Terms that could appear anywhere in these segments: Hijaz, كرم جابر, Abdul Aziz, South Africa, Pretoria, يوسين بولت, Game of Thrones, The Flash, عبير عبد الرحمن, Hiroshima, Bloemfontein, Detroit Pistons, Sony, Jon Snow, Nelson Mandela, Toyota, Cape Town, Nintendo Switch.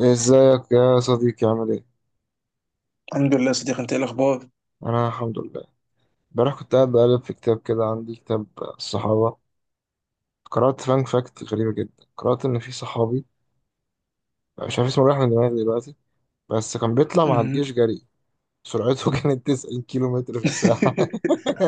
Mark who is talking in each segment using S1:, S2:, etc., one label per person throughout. S1: ازيك يا صديقي؟ عامل ايه؟
S2: الحمد لله يا صديقي، انت ايه الاخبار؟
S1: انا الحمد لله. امبارح كنت قاعد بقلب في كتاب كده، عندي كتاب الصحابة. قرأت فان فاكت غريبة جدا. قرأت ان في صحابي مش عارف اسمه، رايح من دماغي دلوقتي، بس كان بيطلع مع
S2: مم.
S1: الجيش جري. سرعته كانت 90 كيلو متر في الساعة.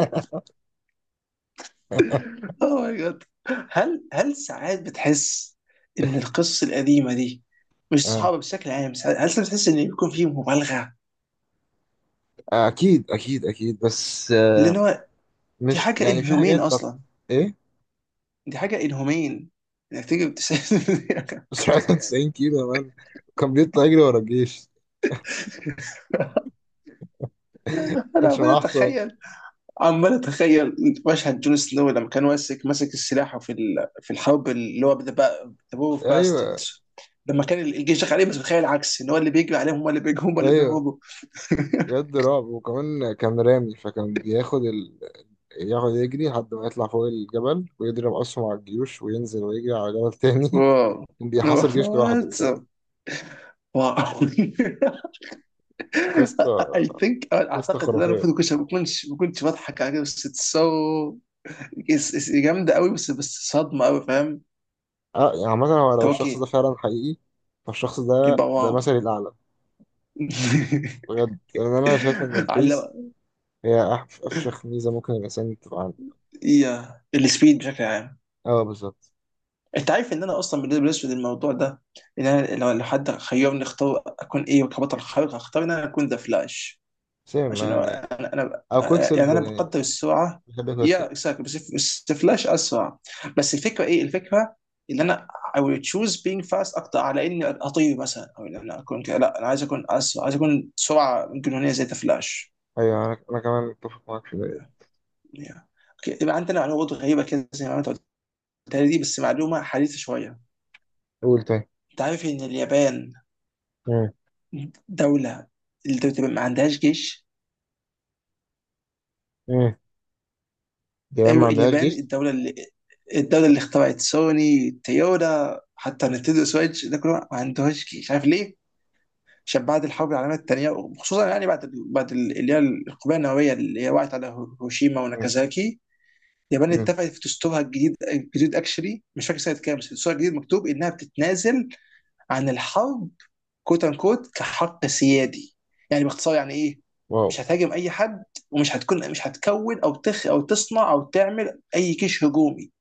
S2: اوه ماي جاد! هل ساعات بتحس ان القصص القديمه دي، مش
S1: آه.
S2: صحابه بشكل عام، هل ساعات بتحس ان يكون فيه مبالغه؟
S1: اكيد اكيد اكيد، بس
S2: لان هو دي
S1: مش
S2: حاجه
S1: يعني في
S2: انهمين
S1: حاجات
S2: اصلا،
S1: ايه؟
S2: دي حاجه انهمين، انك تيجي بتسأل-
S1: سرعته 90 كيلو يا مان. كان بيطلع يجري ورا الجيش،
S2: انا
S1: كانش
S2: عمال
S1: معاه حصان.
S2: اتخيل، عمال اتخيل مشهد جون سنو لما كان ماسك السلاح في الحرب، اللي هو ذا وور اوف
S1: ايوه،
S2: باستردز، لما كان الجيش داخل عليه، بس بتخيل العكس، ان هو اللي بيجري عليهم، هم اللي بيجوا، هم اللي
S1: ايوه،
S2: بيهربوا.
S1: بجد رعب. وكمان كان رامي، فكان بياخد يقعد يجري لحد ما يطلع فوق الجبل ويضرب أسهم على الجيوش وينزل ويجري على جبل تاني.
S2: واو،
S1: بيحاصر
S2: واو
S1: جيش لوحده،
S2: that's-
S1: فاهم؟
S2: a- واو.
S1: قصة،
S2: I think،
S1: قصة
S2: اعتقد ان انا
S1: خرافية.
S2: المفروض كنت ما كنتش بضحك على كده، بس it's جامده قوي، بس صدمه قوي، فاهم.
S1: اه يعني مثلا، هو لو
S2: طب
S1: الشخص ده
S2: اوكي،
S1: فعلا حقيقي، فالشخص ده
S2: يبقى واو.
S1: مثلي الأعلى. بجد، لأن أنا شايف إن الفيس
S2: على،
S1: هي أفشخ ميزة ممكن الإنسان تبقى عنده.
S2: يا السبيد بشكل عام.
S1: اه بالظبط.
S2: انت عارف ان انا اصلا بالنسبه للاسود الموضوع ده، ان انا لو حد خيرني اختار اكون ايه كبطل خارق، هختار ان انا اكون ذا فلاش.
S1: سيم يعني،
S2: انا
S1: أو كويك
S2: يعني انا
S1: سيلفر يعني.
S2: بقدر السرعه.
S1: بحب كويك
S2: يا
S1: سيلفر.
S2: اكزاكتلي، بس ذا فلاش اسرع. بس الفكره ايه الفكره، ان انا I will choose being fast اكتر على اني اطير مثلا، او ان انا اكون كده، لا انا عايز اكون اسرع، عايز اكون سرعه جنونيه زي ذا فلاش.
S1: أيوه، أنا كمان متفق معاك في ده.
S2: yeah. اوكي، يبقى عندنا معلومه برضه غريبه كده زي ما انت قلتها لي دي، بس معلومه حديثه شويه.
S1: قول تاني.
S2: انت عارف ان اليابان
S1: مم.
S2: دولة، الدولة تبقى ما عندهاش جيش.
S1: مم. دي ما
S2: أيوة
S1: عندهاش
S2: اليابان،
S1: جيش.
S2: الدولة اللي، الدولة اللي اخترعت سوني، تويوتا، حتى نتندو سويتش، ده كله ما عندهاش جيش. عارف ليه؟ عشان بعد الحرب العالمية التانية، وخصوصا يعني اللي هي القنبلة النووية، اللي هي وقعت على هيروشيما
S1: مم.
S2: وناكازاكي. اليابان
S1: مم.
S2: اتفقت في دستورها الجديد اكشلي مش فاكر سنة كام، بس دستورها الجديد مكتوب انها بتتنازل عن الحرب، كوت ان كوت، كحق سيادي. يعني باختصار يعني ايه،
S1: واو.
S2: مش هتهاجم اي حد، ومش هتكون مش هتكون او تصنع او تعمل اي جيش هجومي.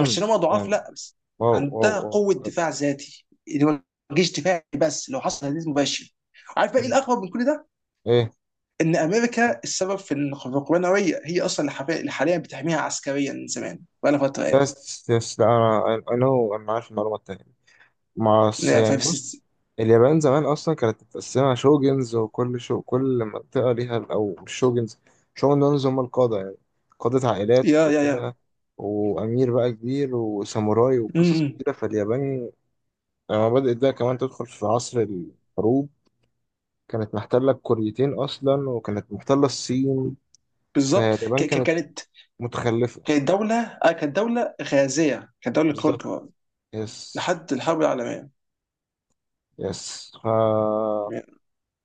S2: مش ان هم ضعاف،
S1: يعني.
S2: لا، بس
S1: واو، واو،
S2: عندها
S1: واو،
S2: قوه
S1: بجد.
S2: دفاع ذاتي اللي هو جيش دفاعي، بس لو حصل تهديد مباشر. عارف بقى ايه
S1: مم.
S2: الاغرب من كل ده؟
S1: ايه.
S2: ان امريكا السبب في ان، في القوه النوويه، هي اصلا اللي حاليا بتحميها عسكريا من زمان، بقى لها فتره يعني.
S1: يس، يس، لا انا عارف المعلومه التانيه. مع
S2: لا،
S1: يعني بص،
S2: فبس.
S1: اليابان زمان اصلا كانت متقسمه شوجنز، وكل كل منطقه ليها، او مش شوجنز. شوجنز هم القاده يعني، قاده عائلات
S2: يا يا يا.
S1: وكده. وامير بقى كبير وساموراي
S2: م-.
S1: وقصص
S2: م.
S1: كتيره. فاليابان لما بدات بقى كمان تدخل في عصر الحروب، كانت محتله الكوريتين اصلا، وكانت محتله الصين.
S2: بالظبط ك-
S1: فاليابان
S2: ك-
S1: كانت
S2: كانت
S1: متخلفه.
S2: كانت دولة، آه كانت دولة غازية، كانت دولة
S1: بالظبط.
S2: كونكرر
S1: يس.
S2: لحد الحرب العالمية،
S1: يس، ف
S2: يعني-.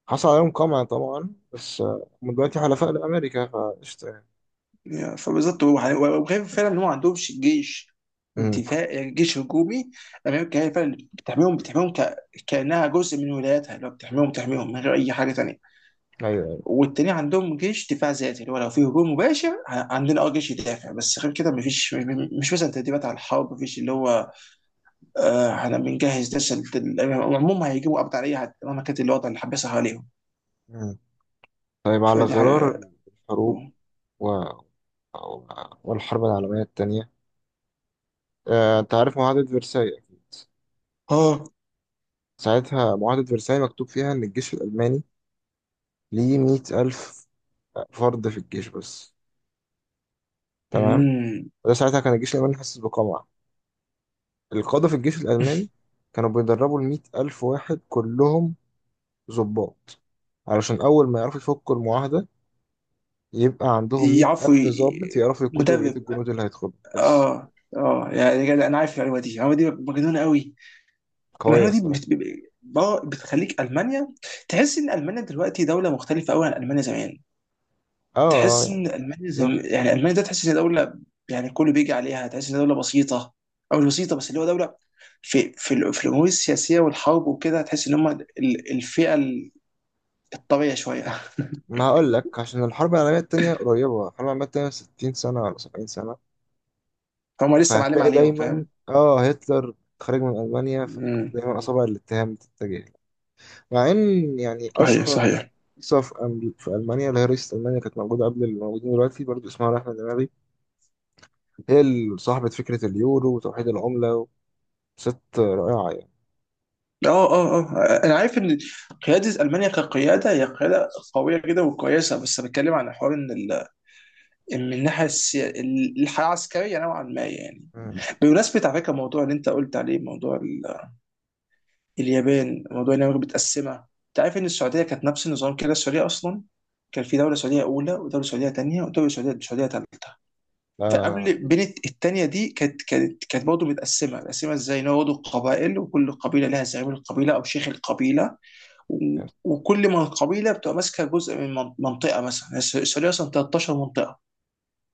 S1: حصل عليهم قمع طبعا، بس هم دلوقتي حلفاء لأمريكا فقشطة يعني.
S2: فبالظبط، هو وغير فعلا إن هو ما عندهمش جيش
S1: امم.
S2: دفاع، جيش هجومي، أمريكا هي فعلا اللي بتحميهم ك...، كأنها جزء من ولاياتها، اللي هو بتحميهم من غير أي حاجة تانية.
S1: أيوه، أيوه.
S2: والتاني عندهم جيش دفاع ذاتي اللي هو لو في هجوم مباشر، عندنا اه جيش يدافع، بس غير كده مفيش مش مثلا تدريبات على الحرب، مفيش اللي هو آه، احنا بنجهز ده عموما هيجيبوا قبض على اي حد مهما كانت الوضع اللي حبسها عليهم.
S1: مم. طيب، على
S2: فدي حاجة.
S1: غرار الحروب و... و- والحرب العالمية التانية، آه، أنت عارف معاهدة فرساي أكيد.
S2: اه.
S1: ساعتها معاهدة فرساي مكتوب فيها إن الجيش الألماني ليه 100,000 فرد في الجيش بس. تمام.
S2: امم.
S1: وده ساعتها كان الجيش الألماني حاسس بقمع. القادة في الجيش الألماني كانوا بيدربوا الـ100,000 واحد كلهم ضباط، علشان أول ما يعرفوا يفكوا المعاهدة يبقى عندهم مية
S2: يعرفوا
S1: ألف ضابط
S2: ي-
S1: يعرفوا يقودوا بقية
S2: مدرب.
S1: الجنود اللي هيدخلوا بس.
S2: اه اه، يعني جدع، انا عارف المعلومه دي، المعلومه دي مجنونه قوي.
S1: قوية
S2: المعلومه دي
S1: الصراحة.
S2: بتخليك المانيا تحس ان المانيا دلوقتي دوله مختلفه قوي عن المانيا زمان.
S1: اه، آه،
S2: تحس ان
S1: يعني
S2: المانيا
S1: بالظبط.
S2: زم...، يعني المانيا ده، تحس ان دوله يعني كله بيجي عليها، تحس ان دوله بسيطه، او مش بسيطه، بس اللي هو دوله في في الامور السياسيه والحرب وكده، تحس ان هم ال-، الفئه الطريه شويه.
S1: ما هقول لك، عشان الحرب العالمية التانية قريبة. الحرب العالمية التانية 60 سنة ولا 70 سنة.
S2: هم لسه معلم
S1: فهتلاقي
S2: عليهم،
S1: دايما
S2: فاهم؟
S1: اه هتلر خارج من ألمانيا،
S2: مم.
S1: فدايما أصابع الاتهام بتتجه له. مع إن يعني
S2: صحيح
S1: أشهر
S2: صحيح.
S1: رئيسة في في ألمانيا، اللي هي رئيسة ألمانيا كانت موجودة قبل اللي موجودين دلوقتي برضه، اسمها رحمة دماغي. هي اللي صاحبة فكرة اليورو وتوحيد العملة. ست رائعة يعني.
S2: اه اه اه، انا عارف ان قياده المانيا كقياده هي قياده قويه جدا وكويسه، بس بتكلم عن حوار ان ال...، إن من الحياه العسكريه نوعا ما يعني.
S1: مم.
S2: بمناسبه، على فكره، الموضوع اللي انت قلت عليه، موضوع ال... اليابان، موضوع ان امريكا متقسمه. انت عارف ان السعوديه كانت نفس النظام كده؟ السعوديه اصلا كان في دوله سعوديه اولى، ودوله سعوديه ثانيه، ودوله سعوديه ثالثه.
S1: آه،
S2: فقبل، بين، الثانيه دي كانت كانت برضه متقسمه. متقسمه ازاي؟ ان هو برضه قبائل، وكل قبيله لها زعيم القبيله او شيخ القبيله، وكل من قبيله بتبقى ماسكه جزء من منطقه مثلا. يعني السعوديه اصلا 13 منطقه،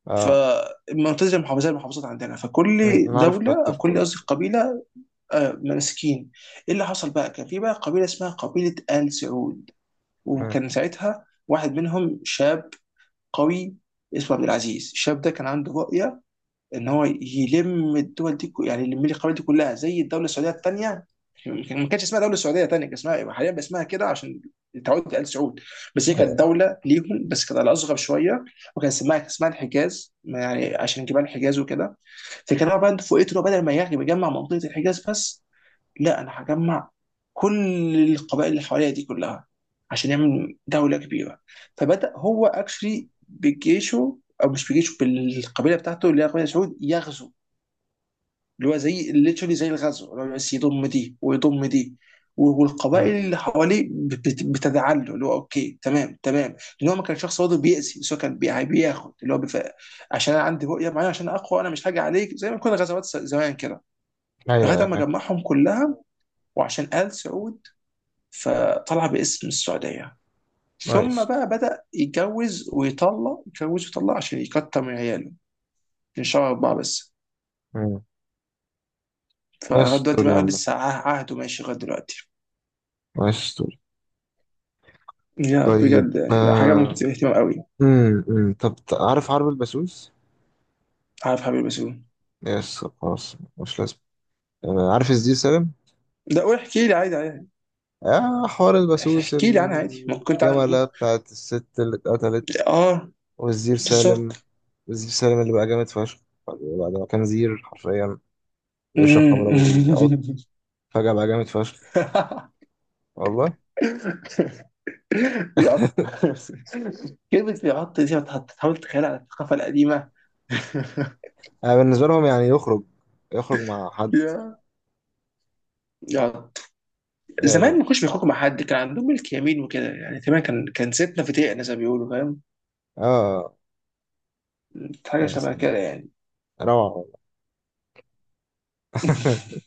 S1: آه.
S2: فمنتزه المحافظات زي المحافظات عندنا. فكل
S1: مم. نعرف قدر
S2: دوله او كل،
S1: القوي.
S2: قصدي قبيله، آه، ماسكين. ايه اللي حصل بقى؟ كان في بقى قبيله اسمها قبيله ال سعود.
S1: مم.
S2: وكان ساعتها واحد منهم شاب قوي اسمه عبد العزيز. الشاب ده كان عنده رؤيه ان هو يلم الدول دي، يعني يلم لي القبائل دي كلها زي الدوله السعوديه الثانيه. ما كانش اسمها دوله سعوديه ثانيه، كان اسمها إيه؟ حاليا بقى اسمها كده عشان تعود ال سعود. بس هي كانت
S1: أيوة.
S2: دوله ليهم بس كانت على اصغر شويه. وكان اسمها الحجاز، ما يعني عشان جبال الحجاز وكده. فكان هو بقى فوقيته، بدل ما يجمع منطقه الحجاز بس، لا، انا هجمع كل القبائل اللي حواليا دي كلها عشان يعمل دولة كبيرة. فبدأ هو اكشلي بجيشه، او مش بجيشه، بالقبيلة بتاعته اللي هي قبيلة سعود، يغزو اللي هو زي literally، زي الغزو اللي هو، بس يضم دي ويضم دي. والقبائل
S1: مم.
S2: اللي حواليه بتدعى له اللي هو اوكي تمام تمام، لان هو ما كان شخص برضه بيأذي، بس هو كان يعني بياخد اللي هو بف...، عشان انا عندي رؤيه معينه عشان اقوى، انا مش هاجي عليك زي ما كنا غزوات زمان كده.
S1: أيوة
S2: لغايه
S1: يا
S2: اما
S1: فاهم.
S2: جمعهم كلها، وعشان ال سعود، فطلع باسم السعودية. ثم
S1: نايس.
S2: بقى بدأ يتجوز ويطلق، يتجوز ويطلق عشان يكتر من عياله، من شهر أربعة بس.
S1: مم. نايس
S2: فلغاية دلوقتي
S1: ستوري يا
S2: بقى
S1: عم.
S2: لسه عهده ماشي لغاية دلوقتي.
S1: نايس ستوري.
S2: يا
S1: طيب
S2: بجد. يعني حاجة
S1: آه.
S2: مثيرة اهتمام قوي.
S1: مم. مم. طب عارف حرب البسوس؟
S2: عارف حبيبي بسوم.
S1: يس خلاص مش لازم. آه. عارف ازاي سالم؟
S2: ده قول، احكي لي عادي عادي.
S1: آه، حوار البسوس،
S2: احكي لي عنها عادي، ممكن كنت عن...
S1: الجملة
S2: ممكن...
S1: بتاعت الست اللي اتقتلت،
S2: اه
S1: والزير سالم.
S2: بالظبط.
S1: والزير سالم اللي بقى جامد فشخ بعد ما كان زير حرفيا، بيشرب خمرة
S2: أمم.
S1: وبيقعد. فجأة بقى جامد فشخ، والله.
S2: بيعط. كلمة بيعط دي، ما تحاول تتخيلها على الثقافة القديمة.
S1: انا بالنسبة لهم يعني يخرج مع حد.
S2: يا يا.
S1: اه
S2: زمان
S1: لا.
S2: ما كانوش بيخرجوا مع حد، كان عندهم ملك يمين وكده، يعني تقريبا كان كان ستنا في دقيقة زي ما بيقولوا، فاهم؟
S1: اه.
S2: حاجة
S1: يا
S2: شبه
S1: سلام،
S2: كده يعني.
S1: روعة والله.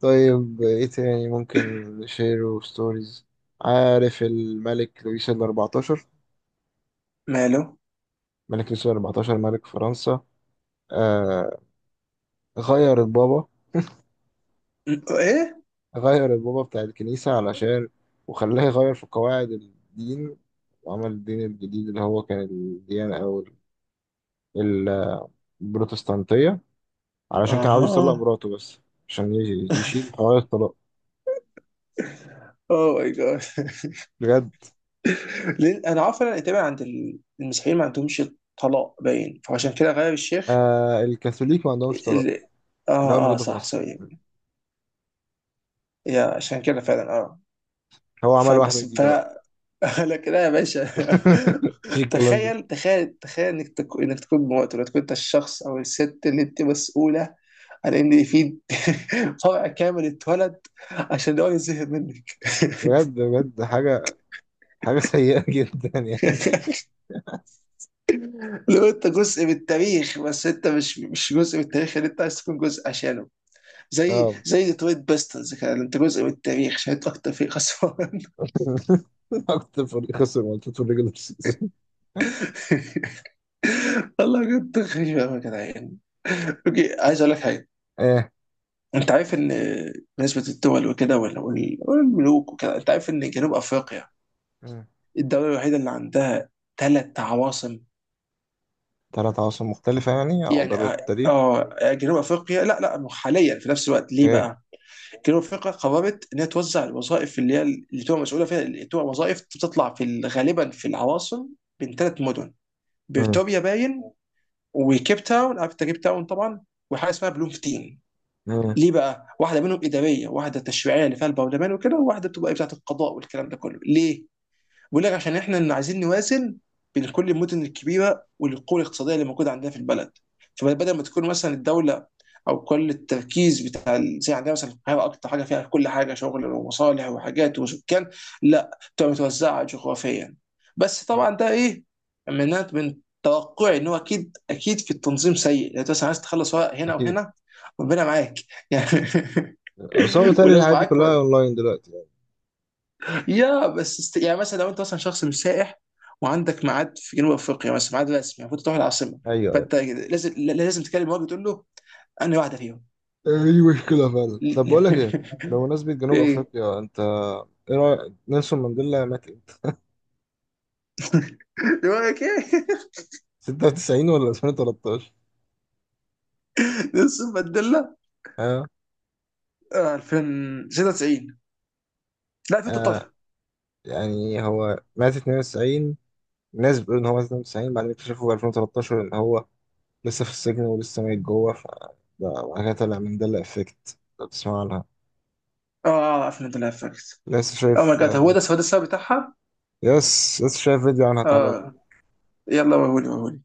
S1: طيب، ايه تاني ممكن نشير وستوريز. عارف الملك لويس الأربعتاشر؟
S2: ماله.
S1: ملك لويس الأربعتاشر ملك فرنسا. آه، غير البابا.
S2: ايه.
S1: غير البابا بتاع الكنيسة علشان، وخلاه يغير في قواعد الدين، وعمل الدين الجديد اللي هو كان الديانة، أو ال- البروتستانتية، علشان كان عاوز يطلق
S2: اها.
S1: مراته بس. عشان يشيل حوار الطلاق.
S2: اوه ماي جاد.
S1: بجد.
S2: لأن انا عارف ان تقريبا عند المسيحيين ما عندهمش طلاق باين، فعشان كده غير الشيخ
S1: آه، الكاثوليك ما عندهمش طلاق،
S2: ال...،
S1: اللي هو
S2: اه اه
S1: موجودة في
S2: صح،
S1: مصر.
S2: سوري. يا عشان كده فعلا، اه.
S1: هو عمل واحدة
S2: فبس.
S1: جديدة بقى.
S2: لكن لا يا باشا.
S1: مفيش الكلام ده.
S2: تخيل انك تكون مواطن، وتكون انت الشخص او الست اللي انت مسؤوله عن ان في فرع كامل اتولد عشان هو يزهق منك.
S1: بجد، بجد، حاجة، حاجة سيئة جدا يعني.
S2: لو انت جزء من التاريخ، بس انت مش جزء من التاريخ اللي انت عايز تكون جزء عشانه، زي
S1: اه.
S2: زي ديترويت بيستنز كده، انت جزء من التاريخ عشان انت اكتر فريق خسران.
S1: أكتر فريق خسر ماتشات في الريجولار سيزون.
S2: والله بجد، خير يا جدعان. اوكي عايز اقول لك حاجه.
S1: ايه.
S2: انت عارف ان بالنسبه للدول وكده، والملوك وكده، انت عارف ان جنوب افريقيا
S1: مم.
S2: الدوله الوحيده اللي عندها ثلاث عواصم.
S1: تلات عواصم مختلفة يعني على
S2: يعني
S1: مدار
S2: اه،
S1: التاريخ.
S2: آه، جنوب افريقيا لا حاليا في نفس الوقت. ليه
S1: اوكي.
S2: بقى؟ جنوب افريقيا قررت انها توزع الوظائف اللي هي اللي تبقى مسؤوله فيها، اللي تبقى وظائف بتطلع في غالبا في العواصم، بين ثلاث مدن.
S1: مم.
S2: بريتوريا باين، وكيب تاون، عارف انت كيب تاون طبعا، وحاجه اسمها بلومفتين.
S1: مم.
S2: ليه بقى؟ واحده منهم اداريه، واحده تشريعيه اللي فيها البرلمان وكده، وواحده بتبقى إيه بتاعه القضاء والكلام ده كله، ليه؟ بيقول لك عشان احنا اللي عايزين نوازن بين كل المدن الكبيره والقوه الاقتصاديه اللي موجوده عندنا في البلد. فبدل ما تكون مثلا الدوله او كل التركيز بتاع زي عندنا مثلا القاهره، اكتر حاجه فيها كل حاجه شغل ومصالح وحاجات وسكان، لا تبقى متوزعه جغرافيا. بس طبعا ده ايه، من توقعي ان هو اكيد اكيد في التنظيم سيء، يعني انت مثلا عايز تخلص ورق هنا
S1: أكيد.
S2: وهنا، ربنا معاك يعني.
S1: بس هو بيتهيألي
S2: ولو
S1: الحاجات دي
S2: معاك.
S1: كلها أونلاين دلوقتي يعني.
S2: يا بس است...، يعني مثلا لو انت مثلا شخص مش سائح وعندك ميعاد في جنوب افريقيا مثلا، ميعاد رسمي، المفروض تروح العاصمه،
S1: أيوه.
S2: فانت لازم تكلم الراجل تقول له انا واحده فيهم.
S1: دي مشكلة فعلا. طب بقول لك ايه، بمناسبة جنوب
S2: ايه
S1: افريقيا، انت ايه رأيك نيلسون مانديلا مات امتى؟
S2: دماغك ايه.
S1: 96 ولا 2013؟
S2: نلسون مانديلا،
S1: ها.
S2: آه، 2096، لا
S1: آه.
S2: 2013.
S1: يعني هو مات 92. الناس بتقول ان هو مات 92، بعدين اكتشفوا في 2013 ان هو لسه في السجن ولسه ميت جوه. ف ده بعد كده طلع مانديلا افكت، لو تسمع عنها.
S2: اه 2013 فاكت.
S1: لسه
S2: او ماي
S1: شايف
S2: جاد، هو ده هو ده السبب بتاعها.
S1: يس، لسه شايف فيديو عنها طالع.
S2: اه، يلا، وهولي وهولي.